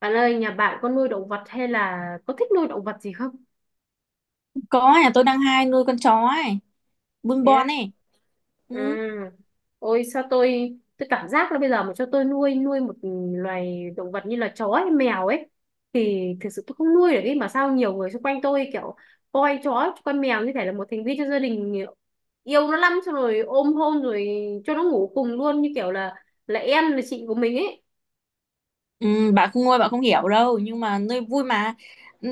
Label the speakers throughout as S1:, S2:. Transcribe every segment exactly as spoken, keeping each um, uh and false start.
S1: Bạn ơi, nhà bạn có nuôi động vật hay là có thích nuôi động vật gì không?
S2: Có, nhà tôi đang hai nuôi con chó ấy, bưng
S1: Thế á?
S2: bon ấy. Ừ.
S1: Ừ. Ôi, sao tôi tôi cảm giác là bây giờ mà cho tôi nuôi nuôi một loài động vật như là chó hay mèo ấy thì thực sự tôi không nuôi được ấy, mà sao nhiều người xung quanh tôi kiểu coi chó coi mèo như thể là một thành viên trong gia đình, yêu nó lắm, xong rồi ôm hôn rồi cho nó ngủ cùng luôn, như kiểu là là em là chị của mình ấy.
S2: Ừ, bạn không nuôi bạn không hiểu đâu, nhưng mà nuôi vui mà,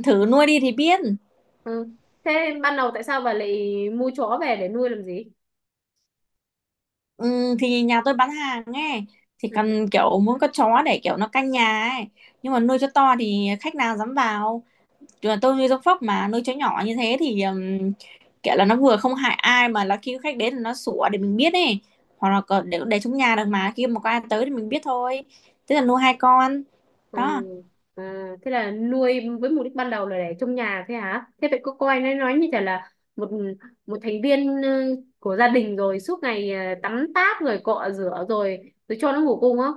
S2: thử nuôi đi thì biết.
S1: Ừ. Thế ban đầu tại sao bà lại mua chó về để nuôi làm gì?
S2: Ừ, thì nhà tôi bán hàng ấy, thì
S1: Ừ.
S2: cần kiểu muốn con chó để kiểu nó canh nhà ấy, nhưng mà nuôi cho to thì khách nào dám vào. Chứ là tôi nuôi giống phóc, mà nuôi chó nhỏ như thế thì ừm, kiểu là nó vừa không hại ai, mà là khi khách đến thì nó sủa để mình biết ấy, hoặc là còn để để trong nhà được, mà khi mà có ai tới thì mình biết thôi, thế là nuôi hai con
S1: À,
S2: đó.
S1: à, thế là nuôi với mục đích ban đầu là để trong nhà thế hả? Thế vậy cô coi nó nói như chả là một một thành viên ờ, của gia đình, rồi suốt ngày ờ, tắm táp rồi cọ rửa rồi rồi cho nó ngủ cùng không?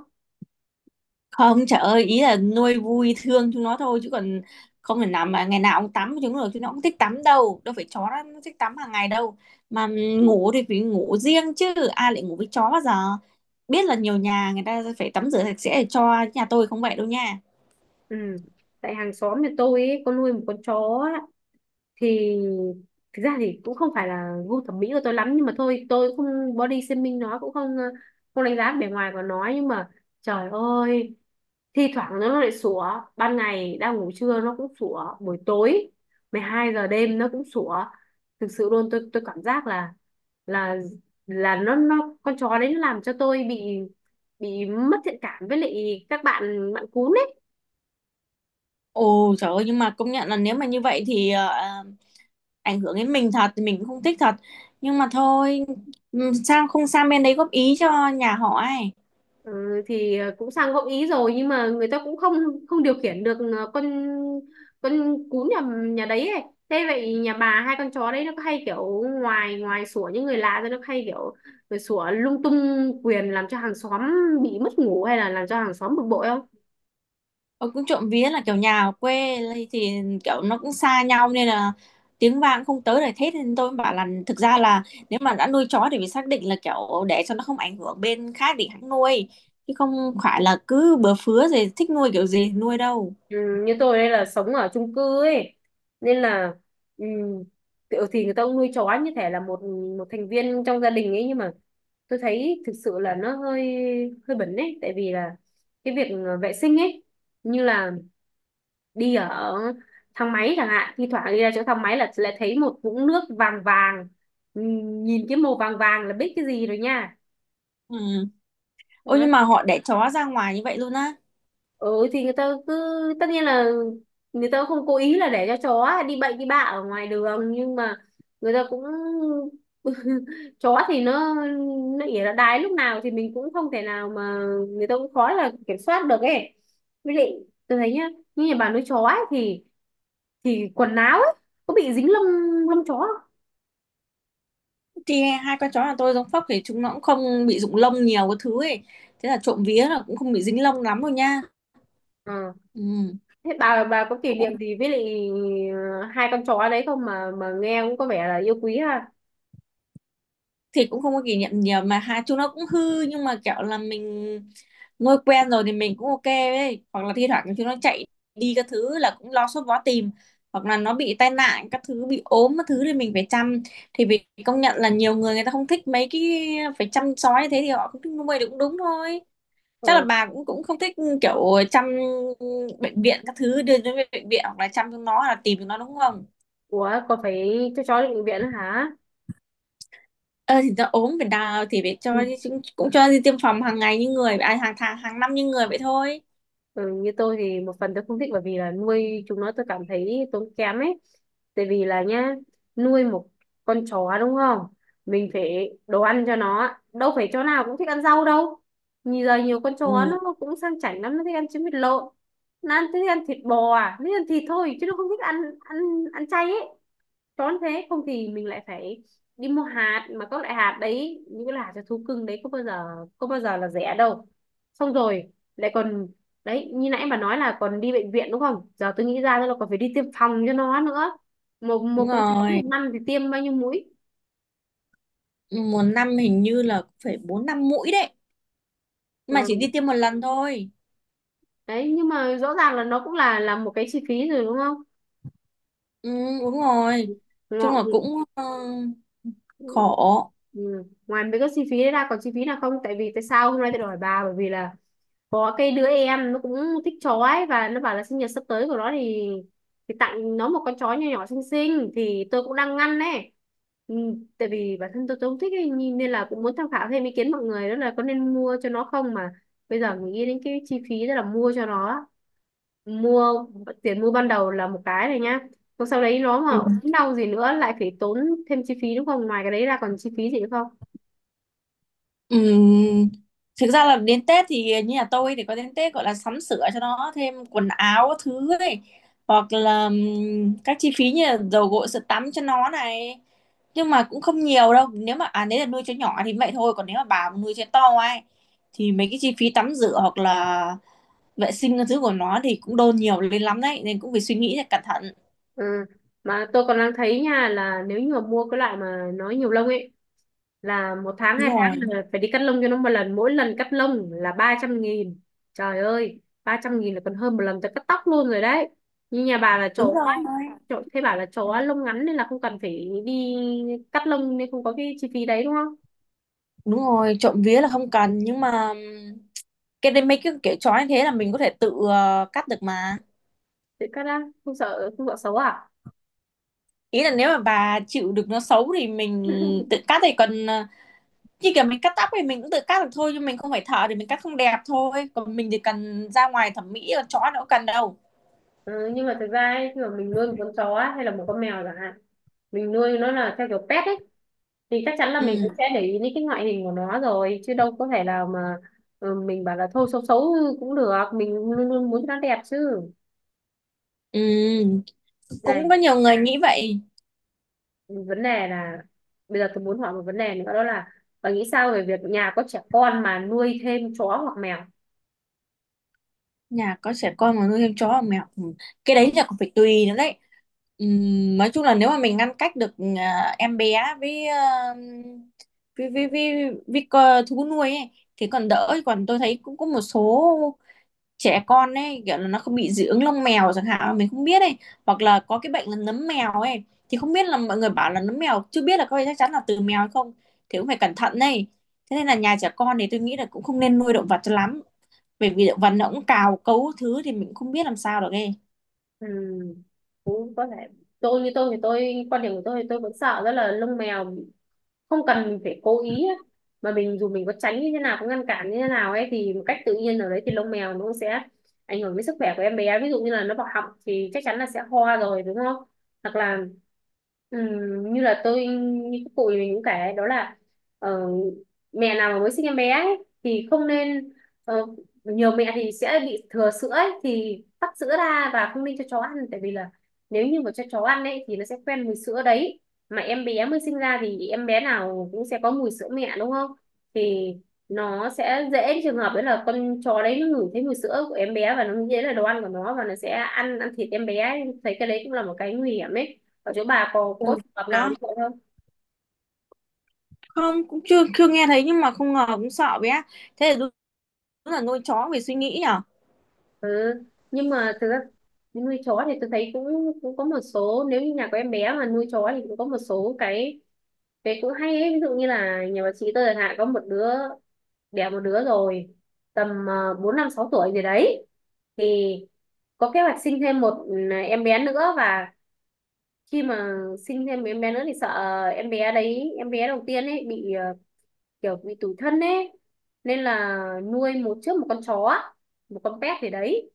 S2: Không, trời ơi, ý là nuôi vui thương chúng nó thôi, chứ còn không thể nào mà ngày nào cũng tắm với chúng nó được, chúng nó cũng thích tắm đâu, đâu phải chó nó nó thích tắm hàng ngày đâu mà. Ngủ thì phải ngủ riêng, chứ ai lại ngủ với chó bao giờ, biết là nhiều nhà người ta phải tắm rửa sạch sẽ, để cho nhà tôi không vậy đâu nha.
S1: Ừ. Tại hàng xóm nhà tôi ấy, có nuôi một con chó, thì thực ra thì cũng không phải là gu thẩm mỹ của tôi lắm, nhưng mà thôi tôi cũng không body shaming nó, cũng không ờ, không đánh giá bề ngoài của nó, nhưng mà trời ơi, thi thoảng nó lại sủa, ban ngày đang ngủ trưa nó cũng sủa, buổi tối mười hai giờ đêm nó cũng sủa. Thực sự luôn, tôi tôi cảm giác là là là nó nó con chó đấy nó làm cho tôi bị bị mất thiện cảm với lại các bạn bạn cún ấy.
S2: Ồ trời ơi, nhưng mà công nhận là nếu mà như vậy thì ờ, ảnh hưởng đến mình thật thì mình cũng không thích thật, nhưng mà thôi. Ừ, sao không sang bên đấy góp ý cho nhà họ ấy?
S1: Ừ, thì ờ, cũng sang gợi ý rồi, nhưng mà người ta cũng không không điều khiển được ờ, con con cún nhà nhà đấy ấy. Thế vậy nhà bà hai con chó đấy nó có hay kiểu ngoài ngoài sủa những người lạ ra, nó có hay kiểu rồi sủa lung tung quyền làm cho hàng xóm bị mất ngủ hay là làm cho hàng xóm bực bội không?
S2: Ờ, cũng trộm vía là kiểu nhà ở quê lây thì kiểu nó cũng xa nhau nên là tiếng vang không tới để thét, nên tôi mới bảo là thực ra là nếu mà đã nuôi chó thì phải xác định là kiểu để cho nó không ảnh hưởng bên khác thì hãng nuôi, chứ không phải là cứ bừa phứa gì thích nuôi kiểu gì thì nuôi đâu.
S1: Ừ, như tôi đây là sống ở chung cư ấy, nên là ừ, kiểu thì người ta cũng nuôi chó như thể là một một thành viên trong gia đình ấy, nhưng mà tôi thấy thực sự là nó hơi hơi bẩn ấy, tại vì là cái việc ờ, vệ sinh ấy, như là đi ở thang máy chẳng hạn, thi thoảng đi ra chỗ thang máy là lại thấy một vũng nước vàng vàng. Ừ, nhìn cái màu vàng vàng là biết cái gì rồi nha.
S2: Ừ. Ôi, nhưng mà họ để chó ra ngoài như vậy luôn á?
S1: Ừ, thì người ta cứ, tất nhiên là người ta không cố ý là để cho chó đi bậy đi bạ ở ngoài đường, nhưng mà người ta cũng chó thì nó nó ỉa nó đái lúc nào thì mình cũng không thể nào mà, người ta cũng khó là kiểm soát được ấy. Với lại tôi thấy nhá, như nhà bà nuôi chó ấy, thì thì quần áo ấy có bị dính lông, lông chó không?
S2: Thì hai con chó nhà tôi giống phốc thì chúng nó cũng không bị rụng lông nhiều, cái thứ ấy, thế là trộm vía là cũng không bị dính lông lắm rồi nha.
S1: Ờ.
S2: Ừ.
S1: Thế bà bà có kỷ niệm gì với lại ờ, hai con chó đấy không, mà mà nghe cũng có vẻ là yêu quý ha?
S2: Thì cũng không có kỷ niệm nhiều, mà hai chúng nó cũng hư, nhưng mà kiểu là mình ngồi quen rồi thì mình cũng ok ấy, hoặc là thi thoảng chúng nó chạy đi các thứ là cũng lo sốt vó tìm, hoặc là nó bị tai nạn các thứ, bị ốm các thứ thì mình phải chăm. Thì vì công nhận là nhiều người người ta không thích mấy cái phải chăm sóc như thế, thì họ không thích nuôi thì cũng đúng thôi. Chắc là
S1: Ờ.
S2: bà cũng cũng không thích kiểu chăm, bệnh viện các thứ, đưa đến bệnh viện hoặc là chăm chúng nó hoặc là tìm chúng nó, đúng không?
S1: Ủa, có phải cho chó đi bệnh viện nữa hả?
S2: Ờ thì ta ốm phải đào thì phải cho,
S1: Ừ.
S2: cũng, cũng cho đi tiêm phòng hàng ngày như người à, hàng tháng hàng năm như người vậy thôi.
S1: Ừ, như tôi thì một phần tôi không thích, bởi vì là nuôi chúng nó tôi cảm thấy tốn kém ấy. Tại vì là nhá, nuôi một con chó đúng không? Mình phải đồ ăn cho nó. Đâu phải chó nào cũng thích ăn rau đâu. Nhìn giờ nhiều con chó
S2: Ừ.
S1: nó nó cũng sang chảnh lắm, nó thích ăn trứng vịt lộn. Nó ăn, thích ăn thịt bò, à nó thích ăn thịt thôi, chứ nó không thích ăn ăn ăn chay ấy. Tốn thế, không thì mình lại phải đi mua hạt, mà các loại hạt đấy, những cái loại hạt cho thú cưng đấy có bao giờ có bao giờ là rẻ đâu. Xong rồi lại còn đấy, như nãy bà nói là còn đi bệnh viện đúng không, giờ tôi nghĩ ra là còn phải đi tiêm phòng cho nó nữa. một
S2: Đúng
S1: một con chó
S2: rồi,
S1: một năm thì tiêm bao nhiêu mũi?
S2: một năm hình như là cũng phải bốn năm mũi đấy. Nhưng mà chỉ
S1: Ừ.
S2: đi tiêm một lần thôi.
S1: Đấy, nhưng mà rõ ràng là nó cũng là là một cái chi phí rồi đúng không?
S2: Ừ, đúng rồi,
S1: Ngọ.
S2: chung là cũng ờ, khổ.
S1: Ừ. Ngoài mấy cái chi phí đấy ra còn chi phí nào không? Tại vì tại sao hôm nay tôi hỏi bà, bởi vì là có cái đứa em nó cũng thích chó ấy, và nó bảo là sinh nhật sắp tới của nó thì thì tặng nó một con chó nhỏ nhỏ xinh xinh, thì tôi cũng đang ngăn ấy. Ừ, tại vì bản thân tôi, tôi không thích ấy, nhìn, nên là cũng muốn tham khảo thêm ý kiến mọi người đó là có nên mua cho nó không, mà bây giờ nghĩ đến cái chi phí đó là mua cho nó, mua tiền mua ban đầu là một cái này nhá, còn sau đấy nó mà ốm đau gì nữa lại phải tốn thêm chi phí đúng không? Ngoài cái đấy ra còn chi phí gì nữa không?
S2: Ừm, Thực ra là đến Tết thì như nhà tôi thì có đến Tết, gọi là sắm sửa cho nó thêm quần áo các thứ ấy, hoặc là ừm, các chi phí như là dầu gội sữa tắm cho nó này, nhưng mà cũng không nhiều đâu, nếu mà à nếu là nuôi chó nhỏ thì vậy thôi, còn nếu mà bà mà nuôi chó to ấy thì mấy cái chi phí tắm rửa hoặc là vệ sinh các thứ của nó thì cũng đôn nhiều lên lắm đấy, nên cũng phải suy nghĩ thật cẩn thận.
S1: Ừ. Mà tôi còn đang thấy nha, là nếu như mà mua cái loại mà nó nhiều lông ấy là một tháng
S2: Đúng
S1: hai
S2: rồi.
S1: tháng là phải đi cắt lông cho nó một lần, mỗi lần cắt lông là ba trăm nghìn. Trời ơi, ba trăm nghìn là còn hơn một lần tôi cắt tóc luôn rồi đấy. Như nhà bà là
S2: Đúng
S1: chó
S2: rồi.
S1: chó thế bảo là chó lông ngắn nên là không cần phải đi cắt lông, nên không có cái chi phí đấy đúng không?
S2: Đúng rồi trộm vía là không cần, nhưng mà ừm, cái đấy mấy cái kiểu chó như thế là mình có thể tự ờ, cắt được mà.
S1: Tự cắt ra không sợ không sợ xấu à?
S2: Ý là nếu mà bà chịu được nó xấu thì mình tự cắt thì còn ờ, như kiểu mình cắt tóc thì mình cũng tự cắt được thôi, nhưng mình không phải thợ thì mình cắt không đẹp thôi, còn mình thì cần ra ngoài thẩm mỹ, còn chói nó cũng cần đâu.
S1: Ừ, nhưng mà thực ra ấy, khi mà mình nuôi một con chó hay là một con mèo chẳng hạn, mình nuôi nó là theo kiểu pet ấy, thì chắc chắn là mình cũng
S2: Ừ.
S1: sẽ để ý đến cái ngoại hình của nó rồi, chứ đâu có thể là mà ừ, mình bảo là thôi xấu xấu cũng được, mình luôn luôn muốn cho nó đẹp chứ.
S2: Ừ, cũng
S1: Đây,
S2: có nhiều người nghĩ vậy.
S1: vấn đề là bây giờ tôi muốn hỏi một vấn đề nữa, đó là bà nghĩ sao về việc nhà có trẻ con mà nuôi thêm chó hoặc mèo?
S2: Nhà có trẻ con mà nuôi thêm chó và mèo, ừ, cái đấy là còn phải tùy nữa đấy. Ừm, nói chung là nếu mà mình ngăn cách được à, em bé với à, với với với, với co- thú nuôi ấy, thì còn đỡ, còn tôi thấy cũng có một số trẻ con ấy kiểu là nó không bị dị ứng lông mèo chẳng hạn, mình không biết ấy, hoặc là có cái bệnh là nấm mèo ấy, thì không biết là mọi người bảo là nấm mèo chưa biết là có phải chắc chắn là từ mèo hay không, thì cũng phải cẩn thận đây. Thế nên là nhà trẻ con thì tôi nghĩ là cũng không nên nuôi động vật cho lắm, bởi vì vần nó cũng cào cấu thứ thì mình cũng không biết làm sao được nghe.
S1: Ừ, cũng có thể. Tôi, như tôi thì tôi quan điểm của tôi thì tôi vẫn sợ rất là lông mèo, không cần mình phải cố ý á. Mà mình dù mình có tránh như thế nào, có ngăn cản như thế nào ấy, thì một cách tự nhiên ở đấy thì lông mèo nó cũng sẽ ảnh hưởng đến sức khỏe của em bé, ví dụ như là nó vào họng thì chắc chắn là sẽ ho rồi đúng không? Hoặc là ừm, như là tôi như các cụ mình cũng kể đó là ờ, mẹ nào mà mới sinh em bé ấy, thì không nên, ờ, nhiều mẹ thì sẽ bị thừa sữa ấy, thì tắt sữa ra và không nên cho chó ăn, tại vì là nếu như mà cho chó ăn ấy thì nó sẽ quen mùi sữa đấy, mà em bé mới sinh ra thì em bé nào cũng sẽ có mùi sữa mẹ đúng không, thì nó sẽ dễ trường hợp đấy là con chó đấy nó ngửi thấy mùi sữa của em bé và nó dễ là đồ ăn của nó và nó sẽ ăn ăn thịt em bé ấy. Thấy cái đấy cũng là một cái nguy hiểm ấy, ở chỗ bà có có
S2: Ôi,
S1: trường hợp nào
S2: đó,
S1: như vậy không?
S2: không, cũng chưa chưa nghe thấy, nhưng mà không ngờ cũng sợ bé, thế là đúng, là nuôi chó về suy nghĩ nhở.
S1: Ừ. Nhưng mà thực ra nuôi chó thì tôi thấy cũng cũng có một số, nếu như nhà có em bé mà nuôi chó thì cũng có một số cái cái cũng hay ấy. Ví dụ như là nhà bà chị tôi chẳng hạn, có một đứa, đẻ một đứa rồi tầm ờ, bốn năm sáu tuổi gì đấy, thì có kế hoạch sinh thêm một, ừ, em bé nữa. Và khi mà sinh thêm em bé nữa thì sợ em bé đấy, em bé đầu tiên ấy, bị ờ, kiểu bị tủi thân ấy, nên là nuôi một trước một con chó một con pet gì đấy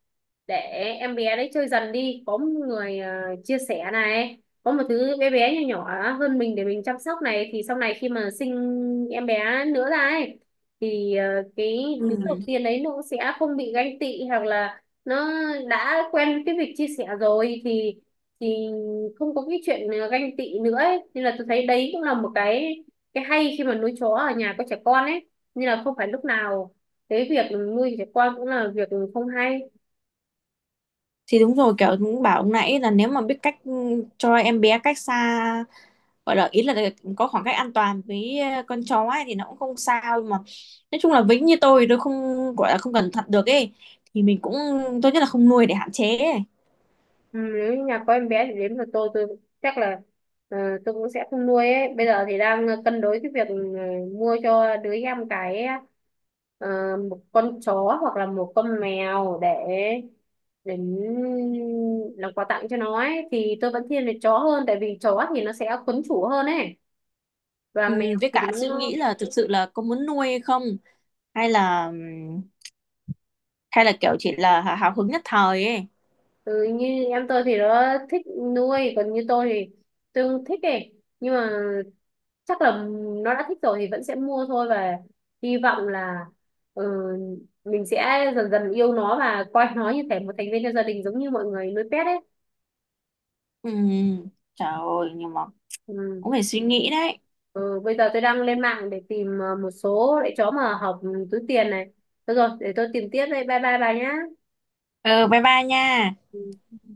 S1: để em bé đấy chơi dần đi, có một người ờ, chia sẻ này, có một thứ bé bé nhỏ nhỏ hơn mình để mình chăm sóc này, thì sau này khi mà sinh em bé nữa ra ấy thì ờ, cái
S2: Ừ.
S1: đứa đầu
S2: Ừ.
S1: tiên đấy nó cũng sẽ không bị ganh tị, hoặc là nó đã quen cái việc chia sẻ rồi thì thì không có cái chuyện ờ, ganh tị nữa ấy. Nên là tôi thấy đấy cũng là một cái cái hay khi mà nuôi chó ở nhà có trẻ con ấy, nên là không phải lúc nào cái việc nuôi trẻ con cũng là việc không hay.
S2: Thì đúng rồi, kiểu cũng bảo ông nãy là nếu mà biết cách ừ, cho em bé cách xa, gọi là ý là có khoảng cách an toàn với ờ, con chó ấy thì nó cũng không sao, nhưng mà nói chung là vĩnh như tôi tôi không gọi là không cẩn thận được ấy, thì mình cũng tốt nhất là không nuôi để hạn chế ấy.
S1: Ừ, nếu như nhà có em bé thì đến lượt tôi tôi chắc là ờ, tôi cũng sẽ không nuôi ấy. Bây giờ thì đang cân đối cái việc ờ, mua cho đứa em cái ờ, một con chó hoặc là một con mèo để để làm quà tặng cho nó ấy, thì tôi vẫn thiên về chó hơn, tại vì chó thì nó sẽ quấn chủ hơn ấy, và
S2: Ừ,
S1: mèo
S2: với
S1: thì
S2: cả suy
S1: nó.
S2: nghĩ là thực sự là có muốn nuôi hay không, hay là hay là kiểu chỉ là hào hào hứng nhất thời ấy.
S1: Ừ, như em tôi thì nó thích nuôi, còn như tôi thì tôi không thích ấy, nhưng mà chắc là nó đã thích rồi thì vẫn sẽ mua thôi, và hy vọng là ừ, mình sẽ dần dần yêu nó và coi nó như thể một thành viên trong gia đình giống như mọi người nuôi pet ấy.
S2: Ừ trời ơi, nhưng mà cũng
S1: Ừ.
S2: phải suy nghĩ đấy.
S1: Ừ, bây giờ tôi đang lên mạng để tìm ờ, một số loại chó mà hợp túi tiền này. Được rồi, để tôi tìm tiếp đây, bye bye bà nhá.
S2: Ừ, bye bye nha.
S1: Ừ.